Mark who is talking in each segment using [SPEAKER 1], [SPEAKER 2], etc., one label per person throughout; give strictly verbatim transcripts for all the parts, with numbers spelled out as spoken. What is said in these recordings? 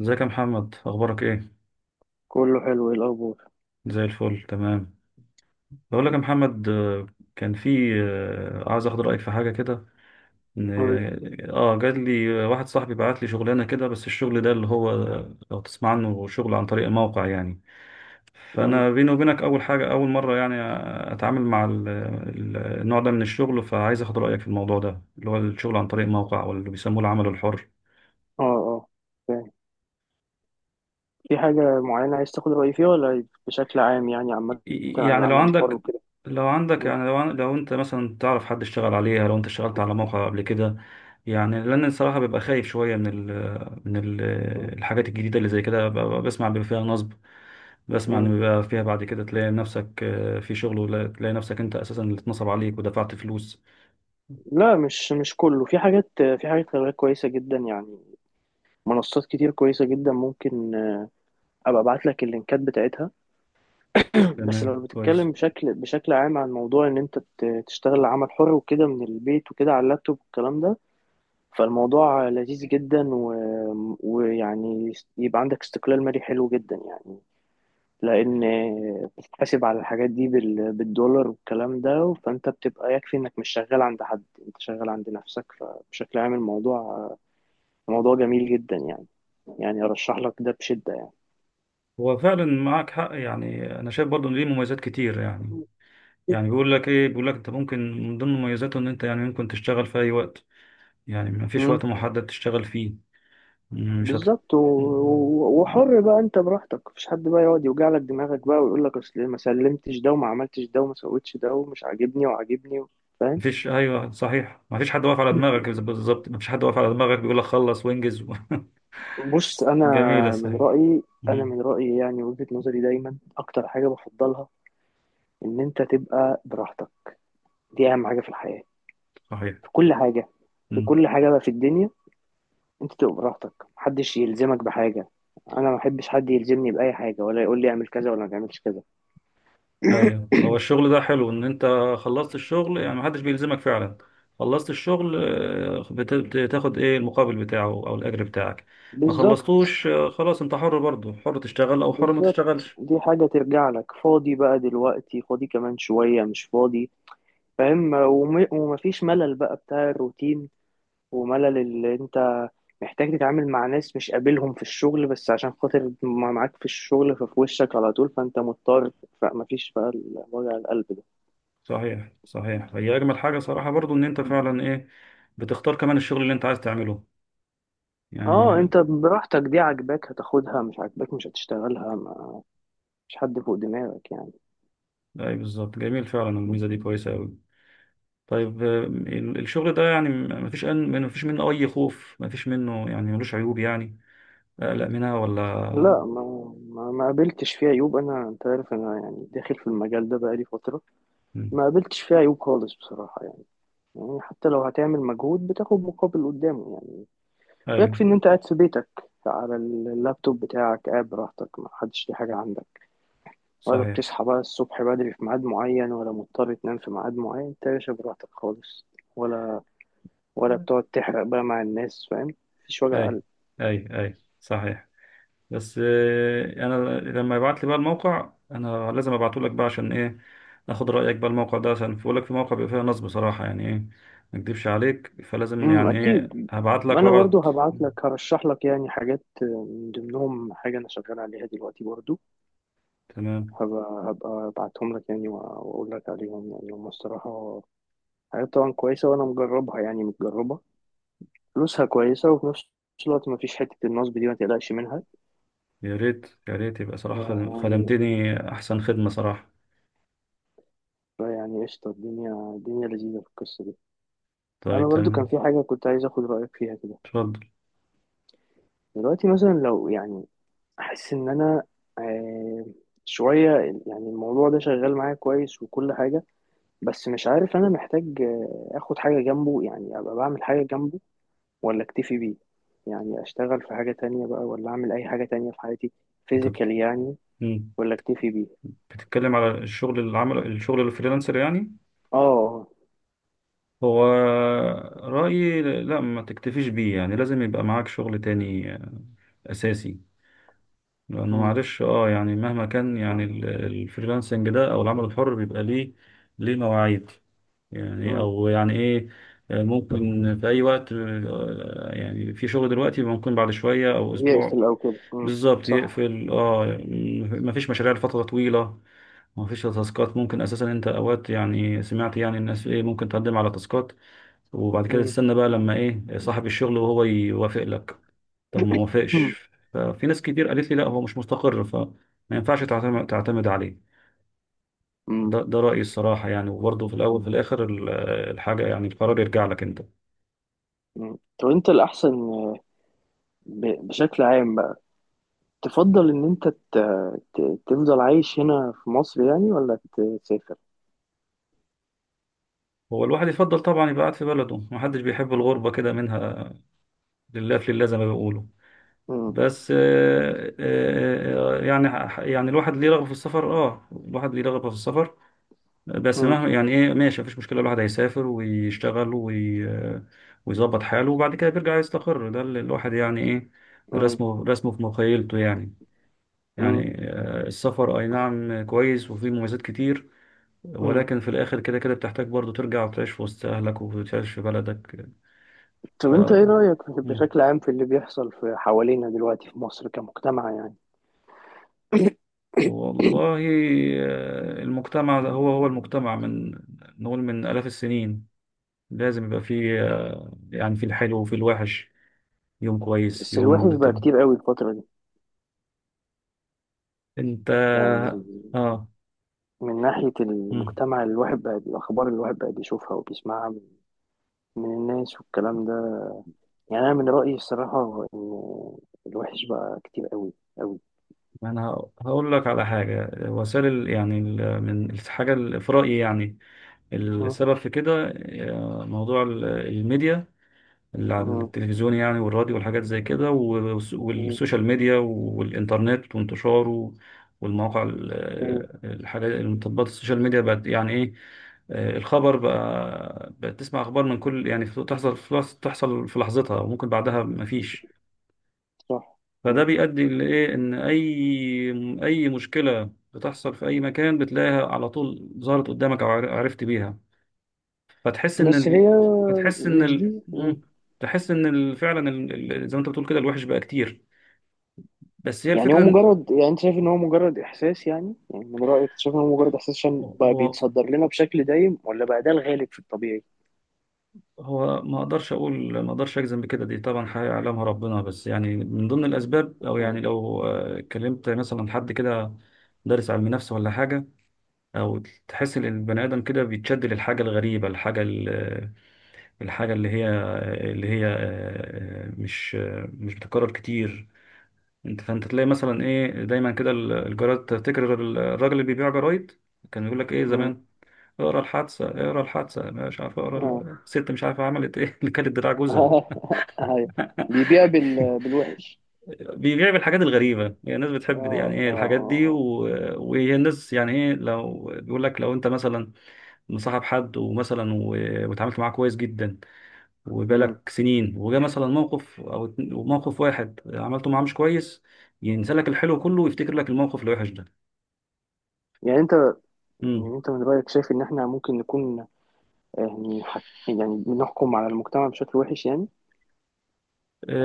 [SPEAKER 1] ازيك يا محمد، اخبارك ايه؟
[SPEAKER 2] كله حلو، ايه الاخبار؟
[SPEAKER 1] زي الفل، تمام. بقول لك يا محمد، آه، كان في آه، عايز اخد رايك في حاجه كده. ان
[SPEAKER 2] قول.
[SPEAKER 1] اه جات لي، آه، واحد صاحبي بعت لي شغلانه كده، بس الشغل ده اللي هو، آه، لو تسمع عنه، شغل عن طريق موقع يعني.
[SPEAKER 2] مم.
[SPEAKER 1] فانا بيني وبينك اول حاجه، اول مره يعني اتعامل مع ال- ال- النوع ده من الشغل، فعايز اخد رايك في الموضوع ده اللي هو الشغل عن طريق موقع، واللي بيسموه العمل الحر.
[SPEAKER 2] اه، اه. فاهم. في حاجه معينه عايز تاخد رايي فيها ولا بشكل عام، يعني عامه عن
[SPEAKER 1] يعني لو
[SPEAKER 2] العمل الحر
[SPEAKER 1] عندك
[SPEAKER 2] وكده؟
[SPEAKER 1] لو عندك
[SPEAKER 2] مم.
[SPEAKER 1] يعني، لو عن- لو انت مثلا تعرف حد اشتغل عليها، لو انت اشتغلت على موقع قبل كده. يعني لان الصراحه ببقى خايف شويه من ال من ال
[SPEAKER 2] مم.
[SPEAKER 1] الحاجات الجديده اللي زي كده. ببقى بسمع بيبقى فيها نصب، بسمع ان
[SPEAKER 2] مم.
[SPEAKER 1] بيبقى فيها، بعد كده تلاقي نفسك، آه، في شغل، ولا تلاقي نفسك انت اساسا اللي اتنصب عليك ودفعت فلوس.
[SPEAKER 2] لا، مش مش كله. في حاجات، في حاجات خلي بالك كويسه جدا يعني. منصات كتير كويسه جدا، ممكن ابقى ابعت لك اللينكات بتاعتها. بس لو
[SPEAKER 1] تمام، كويس.
[SPEAKER 2] بتتكلم بشكل بشكل عام عن موضوع ان انت ت- تشتغل عمل حر وكده من البيت وكده على اللابتوب والكلام ده، فالموضوع لذيذ جدا و... ويعني يبقى عندك استقلال مالي حلو جدا يعني. لان بتتحاسب على الحاجات دي بال- بالدولار والكلام ده، فانت بتبقى يكفي انك مش شغال عند حد، انت شغال عند نفسك. فبشكل عام الموضوع موضوع جميل جدا يعني يعني ارشح لك ده بشدة يعني.
[SPEAKER 1] هو فعلا معاك حق يعني، انا شايف برضه ان ليه مميزات كتير يعني. يعني بيقول لك ايه، بيقول لك انت ممكن من ضمن مميزاته ان انت يعني ممكن تشتغل في اي وقت، يعني مفيش
[SPEAKER 2] امم
[SPEAKER 1] وقت محدد تشتغل فيه. مش هت...
[SPEAKER 2] بالظبط. و... و- وحر بقى انت براحتك، مفيش حد بقى يقعد يوجع لك دماغك بقى ويقول لك اصل ما سلمتش ده وما عملتش ده وما سويتش ده ومش عاجبني وعاجبني. فاهم.
[SPEAKER 1] مفيش ايوه، صحيح. مفيش حد واقف على دماغك، بالظبط مفيش حد واقف على دماغك بيقول لك خلص وانجز و...
[SPEAKER 2] بص، انا
[SPEAKER 1] جميله،
[SPEAKER 2] من
[SPEAKER 1] صحيح.
[SPEAKER 2] رأيي انا
[SPEAKER 1] مم.
[SPEAKER 2] من رأيي يعني، وجهة نظري دايما اكتر حاجة بفضلها ان انت تبقى براحتك. دي اهم حاجه في الحياه،
[SPEAKER 1] صحيح.
[SPEAKER 2] في كل حاجه. في
[SPEAKER 1] مم.
[SPEAKER 2] كل حاجه بقى في الدنيا، انت تبقى براحتك محدش يلزمك بحاجه. انا ما بحبش حد يلزمني باي حاجه ولا يقول لي اعمل كذا ولا ما تعملش كذا.
[SPEAKER 1] ايوه، هو الشغل ده حلو ان انت خلصت الشغل يعني محدش بيلزمك فعلا. خلصت الشغل، آه، بت- بتاخد ايه المقابل بتاعه او الاجر بتاعك. ما
[SPEAKER 2] بالظبط،
[SPEAKER 1] خلصتوش، آه، خلاص، انت حر برضه، حر تشتغل او حر ما
[SPEAKER 2] بالظبط.
[SPEAKER 1] تشتغلش.
[SPEAKER 2] دي حاجه ترجع لك فاضي بقى دلوقتي، فاضي كمان شويه مش فاضي. فاهم. وم- ومفيش ملل بقى بتاع الروتين، وملل اللي انت محتاج تتعامل مع ناس مش قابلهم في الشغل بس عشان خاطر ما معاك في الشغل ففي وشك على طول فانت مضطر. فمفيش بقى ال- وجع القلب ده.
[SPEAKER 1] صحيح، صحيح، هي اجمل حاجه صراحه برضو ان انت فعلا ايه، بتختار كمان الشغل اللي انت عايز تعمله
[SPEAKER 2] اه،
[SPEAKER 1] يعني.
[SPEAKER 2] انت براحتك، دي عاجباك هتاخدها مش عاجباك مش هتشتغلها ما. مش حد فوق دماغك يعني.
[SPEAKER 1] اي بالظبط، جميل فعلا، الميزه دي كويسه قوي. طيب، آه، ال- الشغل ده يعني ما فيش ما فيش منه اي خوف، ما فيش منه يعني، ملوش عيوب يعني اقلق منها ولا؟
[SPEAKER 2] لا، ما ما, ما قابلتش فيه عيوب انا. انت عارف انا يعني داخل في المجال ده بقالي فترة.
[SPEAKER 1] مم.
[SPEAKER 2] ما قابلتش فيه عيوب خالص بصراحة يعني. يعني حتى لو هتعمل مجهود بتاخد مقابل قدامه يعني.
[SPEAKER 1] اي،
[SPEAKER 2] ويكفي ان انت قاعد في بيتك، على اللابتوب بتاعك، قاعد براحتك ما حدش ليه حاجة عندك. ولا
[SPEAKER 1] صحيح.
[SPEAKER 2] بتصحى بقى الصبح بدري في ميعاد معين، ولا مضطر تنام في ميعاد معين، انت يا باشا براحتك خالص. ولا ولا بتقعد تحرق بقى مع الناس. فاهم. مفيش وجع
[SPEAKER 1] اي،
[SPEAKER 2] قلب.
[SPEAKER 1] اي، اي، صحيح. بس آه، انا لما يبعت لي بقى الموقع، انا لازم ابعته لك بقى، عشان ايه، اخد رايك بقى الموقع ده، عشان بقول لك في موقع بيبقى فيها نصب بصراحه، يعني ايه ما اكدبش عليك، فلازم
[SPEAKER 2] امم
[SPEAKER 1] يعني ايه
[SPEAKER 2] اكيد.
[SPEAKER 1] هبعت
[SPEAKER 2] ما
[SPEAKER 1] لك
[SPEAKER 2] انا برضو
[SPEAKER 1] وابعت.
[SPEAKER 2] هبعت لك، هرشح لك يعني حاجات من ضمنهم حاجه انا شغال عليها دلوقتي برضو.
[SPEAKER 1] تمام.
[SPEAKER 2] هبقى هبقى ابعتهم لك يعني، وأ- واقول لك عليهم يعني، هم الصراحه حاجات طبعا كويسه وانا مجربها يعني متجربه. فلوسها كويسه وفي نفس الوقت ما فيش حته النصب دي ما تقلقش منها.
[SPEAKER 1] يا ريت، يا ريت يبقى صراحه خدم-
[SPEAKER 2] يعني
[SPEAKER 1] خدمتني احسن خدمه صراحه.
[SPEAKER 2] فيعني قشطة الدنيا. الدنيا لذيذة في القصة دي. أنا
[SPEAKER 1] طيب،
[SPEAKER 2] برضو كان
[SPEAKER 1] تمام.
[SPEAKER 2] في حاجة كنت عايز أخد رأيك فيها كده.
[SPEAKER 1] اتفضل.
[SPEAKER 2] دلوقتي مثلا لو يعني، أحس إن أنا آه شوية يعني الموضوع ده شغال معايا كويس وكل حاجة، بس مش عارف أنا محتاج آه، أخد حاجة جنبه، يعني أبقى بعمل حاجة جنبه ولا أكتفي بيه، يعني أشتغل في حاجة تانية بقى ولا أعمل أي حاجة تانية في حياتي
[SPEAKER 1] انت بت-
[SPEAKER 2] فيزيكالي يعني،
[SPEAKER 1] مم.
[SPEAKER 2] ولا أكتفي بيه.
[SPEAKER 1] بتتكلم على الشغل، العمل، الشغل الفريلانسر يعني.
[SPEAKER 2] آه.
[SPEAKER 1] هو، رأيي لا ما تكتفيش بيه يعني، لازم يبقى معاك شغل تاني، آه، أساسي. لأنه
[SPEAKER 2] أمم،
[SPEAKER 1] معلش اه يعني مهما كان يعني ال- الفريلانسنج ده أو العمل الحر بيبقى ليه ليه مواعيد يعني،
[SPEAKER 2] أمم.
[SPEAKER 1] أو يعني إيه، آه، ممكن في أي وقت، آه، يعني في شغل دلوقتي ممكن بعد شوية أو أسبوع.
[SPEAKER 2] يقفل أو كده. أمم،
[SPEAKER 1] بالظبط
[SPEAKER 2] صح.
[SPEAKER 1] يقفل، اه م- مفيش مشاريع لفترة طويلة، مفيش تاسكات. ممكن أساسا أنت أوقات يعني سمعت يعني الناس إيه ممكن تقدم على تاسكات، وبعد كده
[SPEAKER 2] أمم،
[SPEAKER 1] تستنى بقى لما ايه صاحب الشغل وهو يوافق لك. طب ما وافقش، ففي ناس كتير قالت لي لا هو مش مستقر فما ينفعش تعتمد، تعتمد عليه.
[SPEAKER 2] أمم.
[SPEAKER 1] ده ده رأيي الصراحة يعني، وبرضه في الأول في الآخر ال- الحاجة يعني القرار يرجع لك أنت.
[SPEAKER 2] مم. طب انت الاحسن ب- بشكل عام بقى، تفضل ان انت ت... ت... تفضل عايش هنا في مصر يعني ولا تسافر؟
[SPEAKER 1] هو الواحد يفضل طبعا يبقى قاعد في بلده، محدش بيحب الغربة كده منها. لله في لله زي ما بيقولوا.
[SPEAKER 2] مم.
[SPEAKER 1] بس آه، آه، آه، يعني ح- يعني الواحد ليه رغبة في السفر، اه الواحد ليه رغبة في السفر. بس
[SPEAKER 2] مم.
[SPEAKER 1] ما يعني ايه، ماشي مفيش مشكله، الواحد هيسافر ويشتغل وي... ويظبط حاله، وبعد كده بيرجع يستقر. ده اللي الواحد يعني ايه،
[SPEAKER 2] مم.
[SPEAKER 1] رسمه، رسمه في مخيلته يعني.
[SPEAKER 2] مم.
[SPEAKER 1] يعني، آه، السفر اي نعم كويس وفيه مميزات كتير،
[SPEAKER 2] مم.
[SPEAKER 1] ولكن في الاخر كده كده بتحتاج برضه ترجع وتعيش في وسط اهلك، وتعيش في بلدك.
[SPEAKER 2] طب
[SPEAKER 1] ف...
[SPEAKER 2] انت ايه رأيك
[SPEAKER 1] مم.
[SPEAKER 2] بشكل عام في اللي بيحصل في حوالينا دلوقتي في مصر كمجتمع يعني؟
[SPEAKER 1] والله، آه، المجتمع ده هو هو المجتمع من، نقول من آلاف السنين لازم يبقى فيه، آه، يعني في الحلو وفي الوحش، يوم كويس
[SPEAKER 2] بس الوحش
[SPEAKER 1] يوم
[SPEAKER 2] بقى
[SPEAKER 1] طب.
[SPEAKER 2] كتير قوي الفترة دي.
[SPEAKER 1] انت،
[SPEAKER 2] يعني
[SPEAKER 1] اه.
[SPEAKER 2] من ناحية
[SPEAKER 1] مم.
[SPEAKER 2] المجتمع اللي الواحد بقى، الأخبار اللي الواحد بقى بيشوفها وبيسمعها من من الناس والكلام ده، يعني أنا من رأيي الصراحة إن الوحش بقى كتير قوي،
[SPEAKER 1] انا هقول لك على حاجه، وسائل ال- يعني ال- من الحاجه ال- في رايي يعني السبب في كده، آه، موضوع ال- الميديا اللي على
[SPEAKER 2] قوي.
[SPEAKER 1] التلفزيون يعني، والراديو والحاجات زي كده، والس-
[SPEAKER 2] مم.
[SPEAKER 1] والسوشيال ميديا والإنترنت وانتشاره والمواقع ال-
[SPEAKER 2] مم.
[SPEAKER 1] الحاجات، التطبيقات، السوشيال ميديا بقت يعني إيه، آه، الخبر بقى، بقت تسمع أخبار من كل يعني في- تحصل في لحظ- تحصل في لحظتها وممكن بعدها مفيش.
[SPEAKER 2] صح.
[SPEAKER 1] فده
[SPEAKER 2] مم.
[SPEAKER 1] بيؤدي لإيه، إن أي، أي مشكلة بتحصل في أي مكان بتلاقيها على طول ظهرت قدامك أو عر- عرفت بيها. فتحس ان
[SPEAKER 2] بس
[SPEAKER 1] ال...
[SPEAKER 2] هي
[SPEAKER 1] فتحس ان
[SPEAKER 2] مش
[SPEAKER 1] ال...
[SPEAKER 2] دي. مم.
[SPEAKER 1] مم. تحس ان ال... فعلا ال... ال- زي ما انت بتقول كده الوحش بقى كتير، بس هي
[SPEAKER 2] يعني هو
[SPEAKER 1] الفكره إن،
[SPEAKER 2] مجرد، يعني انت شايف ان هو مجرد احساس، يعني يعني من رأيك أنت شايف ان هو مجرد احساس عشان بقى
[SPEAKER 1] هو
[SPEAKER 2] بيتصدر لنا بشكل دايم، ولا بقى ده الغالب في الطبيعي؟
[SPEAKER 1] هو ما اقدرش اقول، ما اقدرش اجزم بكده، دي طبعا حاجه يعلمها ربنا. بس يعني من ضمن الاسباب، او يعني
[SPEAKER 2] مم.
[SPEAKER 1] لو آه، كلمت مثلا حد كده دارس علم نفس ولا حاجه، او تحس ان البني ادم كده بيتشد للحاجه الغريبه، الحاجه ال- الحاجه اللي هي، اللي هي آه، آه، مش، آه، مش بتتكرر كتير. انت فانت تلاقي مثلا ايه دايما كده ال- الجرايد، تفتكر ال- الراجل اللي بيبيع جرايد كان بيقول لك ايه
[SPEAKER 2] مم.
[SPEAKER 1] زمان؟ اقرا الحادثه، اقرا الحادثه، مش عارف، اقرا
[SPEAKER 2] آه.
[SPEAKER 1] ال- الست مش عارفه عملت ايه اللي كانت دراع جوزها.
[SPEAKER 2] أيوة. بيبيع بال... بالوحش.
[SPEAKER 1] بيبيع بالحاجات الغريبه يعني، الناس بتحب دي يعني
[SPEAKER 2] اه، اه،
[SPEAKER 1] ايه، الحاجات
[SPEAKER 2] اه،
[SPEAKER 1] دي و...
[SPEAKER 2] آه.
[SPEAKER 1] وهي الناس يعني ايه، لو بيقول لك لو انت مثلا مصاحب حد ومثلا و... وتعاملت معاه كويس جدا
[SPEAKER 2] مم.
[SPEAKER 1] وبقالك سنين، وجا مثلا موقف او اتن- موقف واحد عملته معاه مش كويس، ينسى لك الحلو كله ويفتكر لك الموقف الوحش
[SPEAKER 2] يعني انت
[SPEAKER 1] ده.
[SPEAKER 2] يعني انت من رأيك شايف ان احنا ممكن نكون، يعني حك... يعني بنحكم على المجتمع بشكل وحش يعني،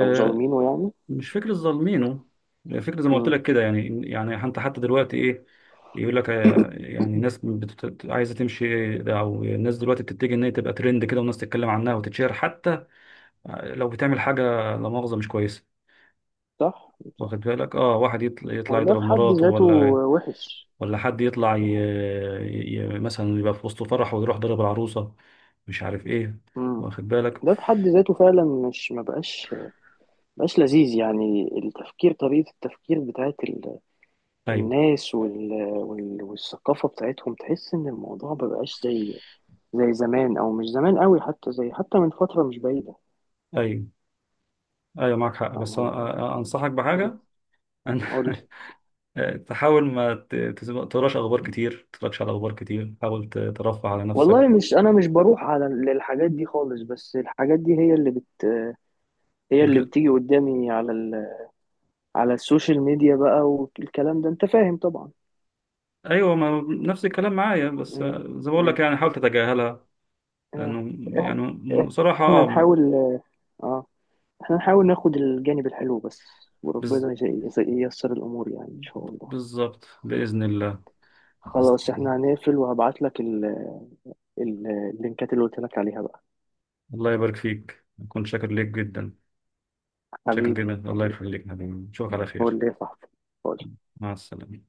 [SPEAKER 2] او ظالمينه يعني.
[SPEAKER 1] مش فكرة ظالمينه، فكرة زي ما قلت
[SPEAKER 2] مم.
[SPEAKER 1] لك كده يعني. يعني انت حتى دلوقتي ايه، يقول لك آه، يعني ناس بتت... عايزه تمشي ده، او الناس دلوقتي بتتجه ان هي تبقى ترند كده والناس تتكلم عنها وتتشهر حتى لو بتعمل حاجه لا مؤاخذه مش كويسه.
[SPEAKER 2] صح.
[SPEAKER 1] واخد بالك، اه واحد يطلع،
[SPEAKER 2] ما
[SPEAKER 1] يطلع
[SPEAKER 2] هو ده
[SPEAKER 1] يضرب
[SPEAKER 2] في حد
[SPEAKER 1] مراته،
[SPEAKER 2] ذاته
[SPEAKER 1] ولا
[SPEAKER 2] وحش.
[SPEAKER 1] ولا حد يطلع ي... ي... مثلا يبقى في وسط فرح ويروح ضرب العروسه، مش عارف ايه،
[SPEAKER 2] مم.
[SPEAKER 1] واخد بالك.
[SPEAKER 2] ده في حد ذاته فعلا مش ما بقاش بقاش لذيذ يعني التفكير، طريقة التفكير بتاعت ال...
[SPEAKER 1] ايوه،
[SPEAKER 2] الناس وال... وال... والثقافة بتاعتهم، تحس إن الموضوع ما بقاش زي زي زمان، أو مش زمان قوي حتى، زي حتى من فترة مش بعيدة.
[SPEAKER 1] ايوه، ايوه معاك حق.
[SPEAKER 2] فاهم
[SPEAKER 1] بس أنا-
[SPEAKER 2] قصدي؟
[SPEAKER 1] أنا انصحك
[SPEAKER 2] مم.
[SPEAKER 1] بحاجه.
[SPEAKER 2] قولي.
[SPEAKER 1] آه، تحاول ما ت- تس- ما تقراش اخبار كتير، تتفرجش على اخبار كتير، حاول ت- ترفه على نفسك.
[SPEAKER 2] والله مش أنا مش بروح على للحاجات دي خالص، بس الحاجات دي هي اللي بت هي اللي
[SPEAKER 1] بتجل...
[SPEAKER 2] بتيجي قدامي على ال... على السوشيال ميديا بقى والكلام ده أنت فاهم طبعا.
[SPEAKER 1] ايوه، ما نفس الكلام معايا. بس
[SPEAKER 2] مم.
[SPEAKER 1] آه، زي ما بقول لك
[SPEAKER 2] مم.
[SPEAKER 1] يعني حاول تتجاهلها،
[SPEAKER 2] آه.
[SPEAKER 1] لانه
[SPEAKER 2] إح- إح-
[SPEAKER 1] يعني صراحه
[SPEAKER 2] احنا
[SPEAKER 1] آه،
[SPEAKER 2] نحاول اه احنا نحاول ناخد الجانب الحلو بس،
[SPEAKER 1] بز...
[SPEAKER 2] وربنا يز- يز- ييسر الامور يعني ان شاء الله.
[SPEAKER 1] بالظبط، باذن الله. بس...
[SPEAKER 2] خلاص احنا هنقفل وهبعت لك ال... ال... اللينكات اللي قلت لك عليها بقى.
[SPEAKER 1] الله يبارك فيك، اكون شاكر ليك جدا. شاكر
[SPEAKER 2] حبيبي،
[SPEAKER 1] جدا، الله
[SPEAKER 2] حبيبي.
[SPEAKER 1] يخليك يا حبيبي. نشوفك على خير.
[SPEAKER 2] قول لي يا صاحبي، قول.
[SPEAKER 1] مع السلامه.